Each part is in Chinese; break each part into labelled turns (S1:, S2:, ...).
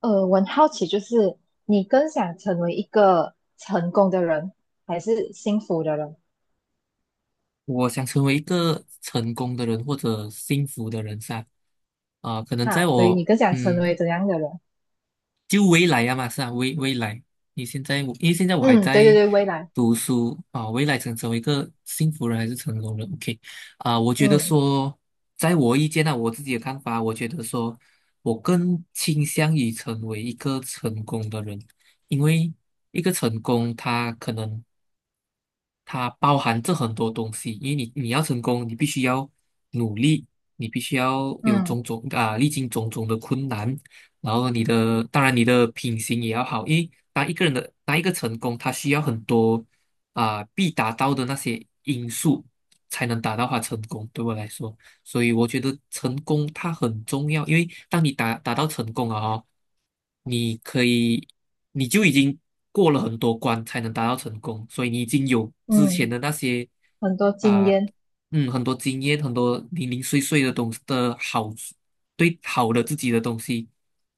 S1: 我很好奇，就是你更想成为一个成功的人，还是幸福的人？
S2: 我想成为一个成功的人或者幸福的人噻，啊、可能在
S1: 啊，对，你
S2: 我
S1: 更想成为怎样的人？
S2: 就未来呀嘛，是啊，未来，你现在我因为现在我还
S1: 嗯，对对
S2: 在
S1: 对，未来，
S2: 读书啊、未来想成为一个幸福人还是成功人？OK，啊、我觉得
S1: 嗯
S2: 说，在我意见呢、我自己的看法，我觉得说我更倾向于成为一个成功的人，因为一个成功，他可能。它包含着很多东西，因为你要成功，你必须要努力，你必须要有
S1: 嗯
S2: 种种啊，历经种种的困难，然后你的当然你的品行也要好，因为当一个人的当一个成功，他需要很多啊必达到的那些因素才能达到他成功。对我来说。所以我觉得成功它很重要，因为当你达到成功了哦，你可以你就已经过了很多关才能达到成功，所以你已经有之前
S1: 嗯，
S2: 的那些
S1: 很多经
S2: 啊、
S1: 验，
S2: 嗯很多经验，很多零零碎碎的东西的好处，对好的自己的东西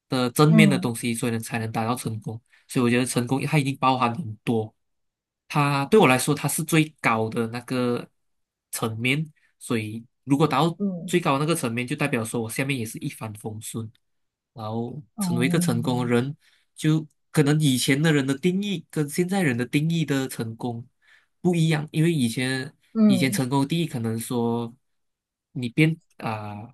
S2: 的正面的
S1: 嗯
S2: 东西，所以呢才能达到成功。所以我觉得成功它已经包含很多。它对我来说，它是最高的那个层面，所以如果达到最
S1: 嗯
S2: 高的那个层面，就代表说我下面也是一帆风顺，然后
S1: 哦
S2: 成为一个成功的
S1: 嗯
S2: 人，就可能以前的人的定义跟现在人的定义的成功不一样，因为以前
S1: 嗯
S2: 成功的定义可能说你变啊。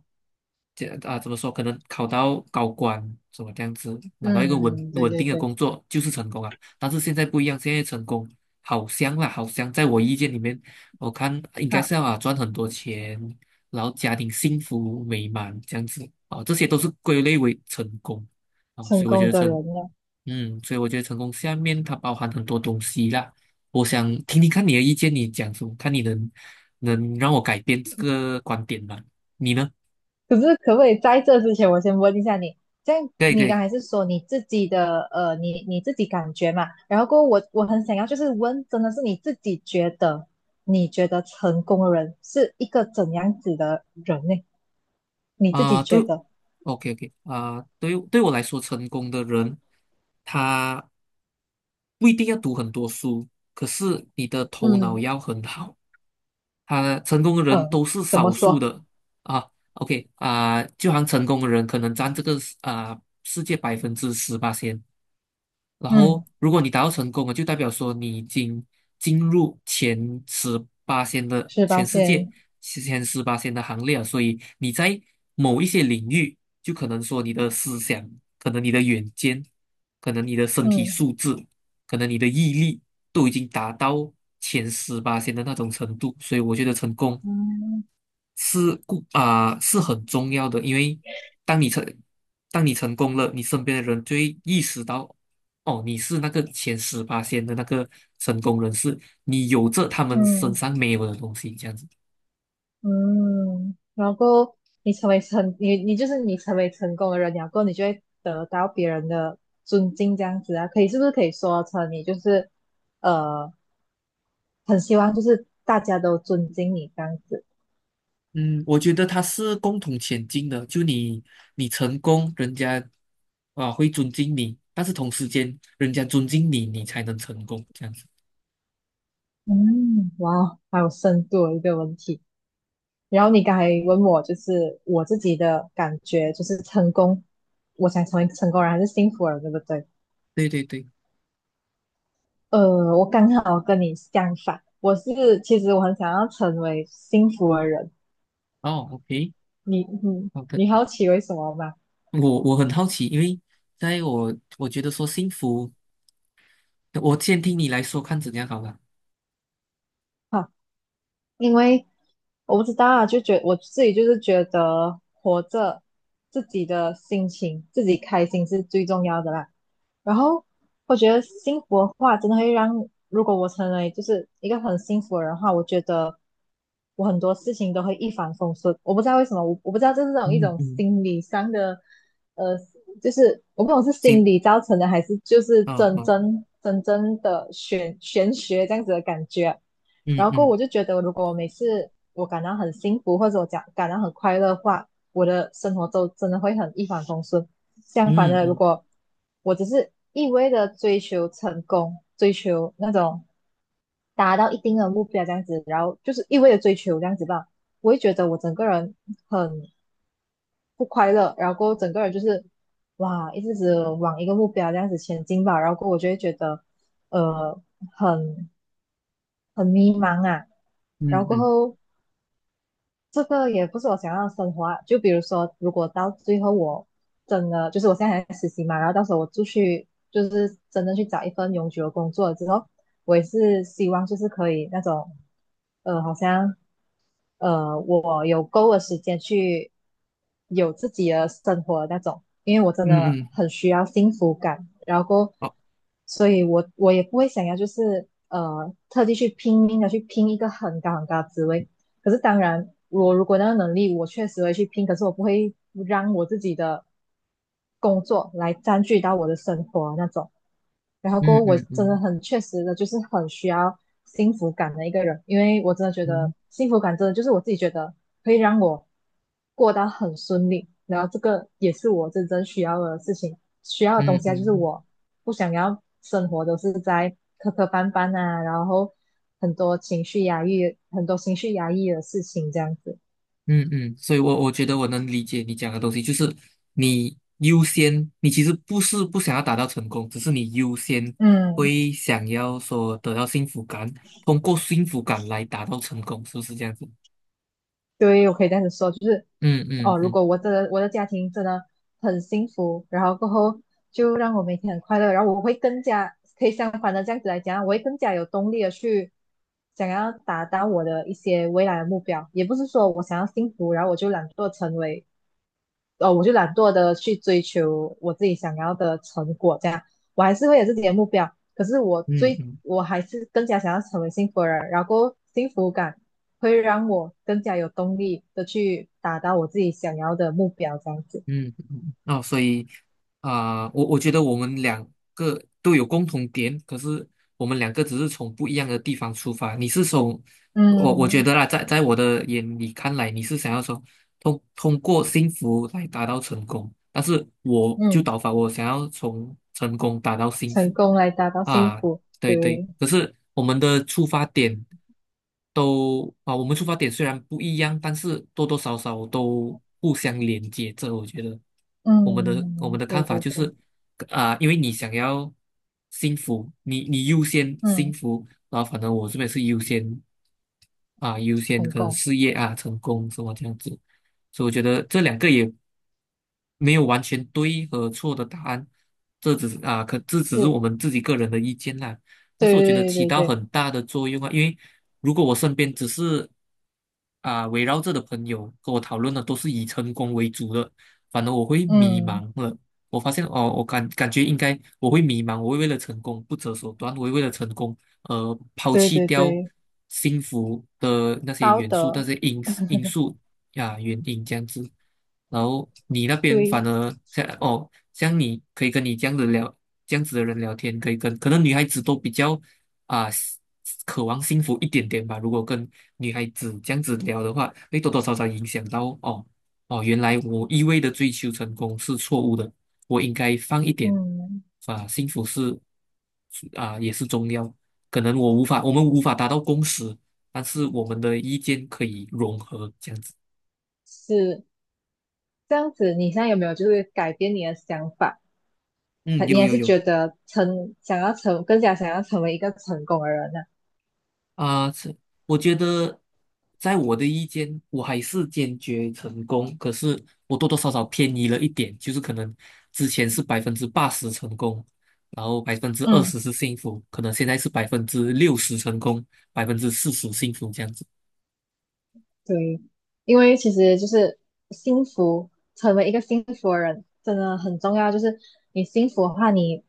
S2: 这啊，怎么说？可能考到高官，什么这样子，拿到一个稳
S1: 嗯，对
S2: 稳
S1: 对
S2: 定的
S1: 对，
S2: 工作就是成功啊。但是现在不一样，现在成功好香啦，好香！在我意见里面，我看应该
S1: 好，
S2: 是要啊赚很多钱，然后家庭幸福美满这样子啊，这些都是归类为成功啊，
S1: 成
S2: 所以我觉
S1: 功
S2: 得
S1: 的
S2: 成，
S1: 人呢？
S2: 嗯，所以我觉得成功下面它包含很多东西啦。我想听听看你的意见，你讲什么？看你能让我改变这个观点吗？你呢？
S1: 可是可不可以在这之前，我先问一下你，这样
S2: 可以可
S1: 你
S2: 以
S1: 刚才是说你自己的你自己感觉嘛？然后过后我很想要就是问，真的是你自己觉得，你觉得成功的人是一个怎样子的人呢？你自己
S2: 啊，对
S1: 觉得，
S2: ，OK OK 啊，对于对我来说，成功的人他。不一定要读很多书，可是你的头脑
S1: 嗯。
S2: 要很好。他成功的人
S1: 呃，
S2: 都是
S1: 怎么
S2: 少数
S1: 说？
S2: 的啊。OK 啊、就好像成功的人可能占这个啊、世界18%先，然后
S1: 嗯，
S2: 如果你达到成功了，就代表说你已经进入前十八线的
S1: 十八
S2: 全世界
S1: 线，
S2: 前十八线的行列了。所以你在某一些领域，就可能说你的思想，可能你的远见，可能你的身体
S1: 嗯
S2: 素质，可能你的毅力，都已经达到前十八线的那种程度。所以我觉得成功
S1: 嗯。
S2: 是故啊、是很重要的，因为当你成当你成功了，你身边的人就会意识到，哦，你是那个前十八线的那个成功人士，你有着他们身
S1: 嗯。
S2: 上没有的东西，这样子。
S1: 嗯，然后你就是你成为成功的人，然后你就会得到别人的尊敬，这样子啊，是不是可以说成你就是呃，很希望就是大家都尊敬你这样子。
S2: 嗯，我觉得他是共同前进的，就你你成功，人家啊会尊敬你，但是同时间人家尊敬你，你才能成功，这样子。
S1: 嗯，哇，好有深度的一个问题。然后你刚才问我就是我自己的感觉，就是成功，我想成为成功人还是幸福人，对不对？
S2: 对对对，
S1: 我刚好跟你相反，其实我很想要成为幸福的人。
S2: 哦，OK，
S1: 你你
S2: 好的。
S1: 你好奇为什么吗？
S2: 我很好奇，因为在我觉得说幸福。我先听你来说，看怎样好了。
S1: 哈，因为我不知道啊，就觉我自己就是觉得活着，自己的心情，自己开心是最重要的啦。然后我觉得幸福的话，真的会让，如果我成为就是一个很幸福的人的话，我觉得我很多事情都会一帆风顺。我不知道为什么，我不知道这是种一
S2: 嗯
S1: 种
S2: 嗯，
S1: 心理上的，呃，就是我不懂是
S2: 行，
S1: 心理造成的，还是就是
S2: 哦
S1: 真
S2: 哦，
S1: 真真正的玄学这样子的感觉啊。然
S2: 嗯
S1: 后过后
S2: 嗯
S1: 我就觉得，如果我每次我感到很幸福，或者我讲感到很快乐的话，我的生活都真的会很一帆风顺。相反
S2: 嗯
S1: 的，如
S2: 嗯
S1: 果我只是一味的追求成功，追求那种达到一定的目标这样子，然后就是一味的追求这样子吧，我会觉得我整个人很不快乐，然后过后整个人就是哇，一直只往一个目标这样子前进吧，然后过后我就会觉得呃很很迷茫啊，然后
S2: 嗯
S1: 过
S2: 嗯
S1: 后。这个也不是我想要的生活啊。就比如说，如果到最后我真的就是我现在还在实习嘛，然后到时候我出去就是真的去找一份永久的工作了之后，我也是希望就是可以那种，好像我有够的时间去有自己的生活那种，因为我真
S2: 嗯
S1: 的
S2: 嗯，
S1: 很需要幸福感，然后，
S2: 好
S1: 所以我也不会想要就是特地去拼命的去拼一个很高很高的职位，可是当然我如果那个能力，我确实会去拼，可是我不会让我自己的工作来占据到我的生活啊那种，然后过
S2: 嗯
S1: 后我
S2: 嗯
S1: 真的
S2: 嗯
S1: 很确实的，就是很需要幸福感的一个人，因为我真的觉得
S2: 嗯
S1: 幸福感真的就是我自己觉得可以让我过得很顺利，然后这个也是我真正需要的事情，需要的
S2: 嗯
S1: 东西啊，就是
S2: 嗯
S1: 我不想要生活都是在磕磕绊绊啊，然后很多情绪压抑，很多情绪压抑的事情这样子，
S2: 嗯嗯，所以我觉得我能理解你讲的东西，就是你优先，你其实不是不想要达到成功，只是你优先
S1: 嗯。
S2: 会想要说得到幸福感，通过幸福感来达到成功，是不是这样子？
S1: 对，我可以这样子说，就是
S2: 嗯嗯
S1: 哦，如
S2: 嗯
S1: 果我的家庭真的很幸福，然后过后就让我每天很快乐，然后我会更加可以相反的这样子来讲，我会更加有动力的去想要达到我的一些未来的目标。也不是说我想要幸福，然后我就懒惰的去追求我自己想要的成果，这样我还是会有自己的目标，可是
S2: 嗯嗯
S1: 我还是更加想要成为幸福的人，然后幸福感会让我更加有动力的去达到我自己想要的目标，这样子，
S2: 嗯，哦，所以啊、我觉得我们两个都有共同点，可是我们两个只是从不一样的地方出发。你是从我觉
S1: 嗯
S2: 得啦，在我的眼里看来，你是想要说通过幸福来达到成功，但是我就
S1: 嗯，
S2: 倒反，我想要从成功达到幸
S1: 成
S2: 福
S1: 功来达到幸
S2: 啊，
S1: 福，
S2: 对对。
S1: 对，
S2: 可是我们的出发点。都啊，我们出发点虽然不一样，但是多多少少都互相连接着。我觉得我们的我们
S1: 嗯，
S2: 的
S1: 对
S2: 看法
S1: 对
S2: 就
S1: 对，
S2: 是，啊、因为你想要幸福，你优先幸
S1: 嗯，
S2: 福，然后反正我这边是优先啊，优先
S1: 成
S2: 可能
S1: 功
S2: 事业啊、成功什么这样子，所以我觉得这两个也没有完全对和错的答案，这只是啊，可这只是我
S1: 是，
S2: 们自己个人的意见啦。但是我觉得
S1: 对
S2: 起
S1: 对对
S2: 到
S1: 对，
S2: 很大的作用啊，因为如果我身边只是啊、围绕着的朋友跟我讨论的都是以成功为主的，反而我会迷
S1: 嗯，
S2: 茫了。我发现哦，我感觉应该我会迷茫，我会为了成功不择手段，我会为了成功抛
S1: 对
S2: 弃
S1: 对
S2: 掉
S1: 对，
S2: 幸福的那些
S1: 道
S2: 元素、那
S1: 德，
S2: 些因素呀、原因这样子。然后你那边
S1: 对，
S2: 反而像哦，像你可以跟你这样子聊，这样子的人聊天，可以跟可能女孩子都比较啊、渴望幸福一点点吧。如果跟女孩子这样子聊的话，会多多少少影响到哦哦，原来我一味的追求成功是错误的，我应该放一点
S1: 嗯，
S2: 啊，幸福是啊也是重要。可能我无法，我们无法达到共识，但是我们的意见可以融合，这样子。
S1: 是。这样子，你现在有没有就是改变你的想法？
S2: 嗯，
S1: 你
S2: 有
S1: 还
S2: 有
S1: 是
S2: 有。
S1: 觉得成想要成更加想要成为一个成功的人呢、
S2: 啊，是，我觉得，在我的意见，我还是坚决成功，可是我多多少少偏移了一点，就是可能之前是80%成功，然后百分之二
S1: 嗯。
S2: 十是幸福，可能现在是60%成功，40%幸福这样子。
S1: 对，因为其实就是幸福，成为一个幸福的人真的很重要。就是你幸福的话，你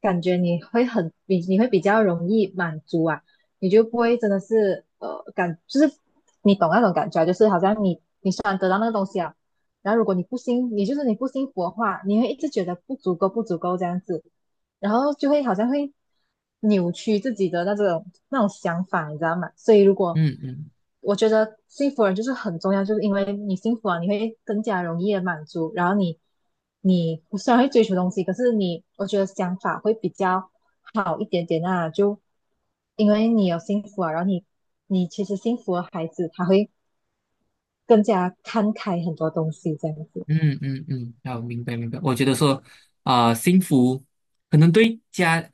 S1: 感觉你会比较容易满足啊，你就不会真的是就是你懂那种感觉啊，就是好像你虽然得到那个东西啊，然后如果你不幸你就是你不幸福的话，你会一直觉得不足够不足够这样子，然后就会好像会扭曲自己的那种想法，你知道吗？所以如果
S2: 嗯嗯。
S1: 我觉得幸福人就是很重要，就是因为你幸福了，你会更加容易的满足，然后你虽然会追求东西，可是你我觉得想法会比较好一点点啊，就因为你有幸福啊，然后你其实幸福的孩子他会更加看开很多东西这样子，
S2: 嗯嗯嗯，好，明白明白。我觉得说，啊、幸福可能对家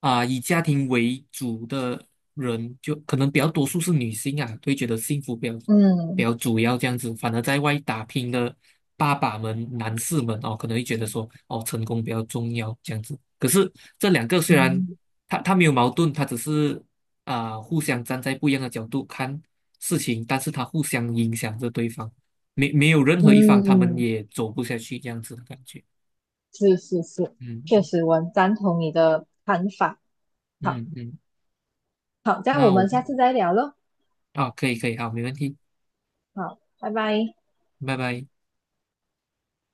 S2: 啊、以家庭为主的人，就可能比较多数是女性啊，会觉得幸福比较比
S1: 嗯
S2: 较主要这样子。反而在外打拼的爸爸们、男士们哦，可能会觉得说，哦，成功比较重要这样子。可是这两个虽然
S1: 嗯，
S2: 他没有矛盾，他只是啊、互相站在不一样的角度看事情，但是他互相影响着对方。没有任何一方他们
S1: 嗯。
S2: 也走不下去这样子的感觉。
S1: 是是是，确
S2: 嗯
S1: 实我很赞同你的看法。好，
S2: 嗯嗯，
S1: 好，这样我
S2: 那我
S1: 们下次再聊喽。
S2: 啊，可以可以，好，没问题，
S1: 好，拜拜。
S2: 拜拜。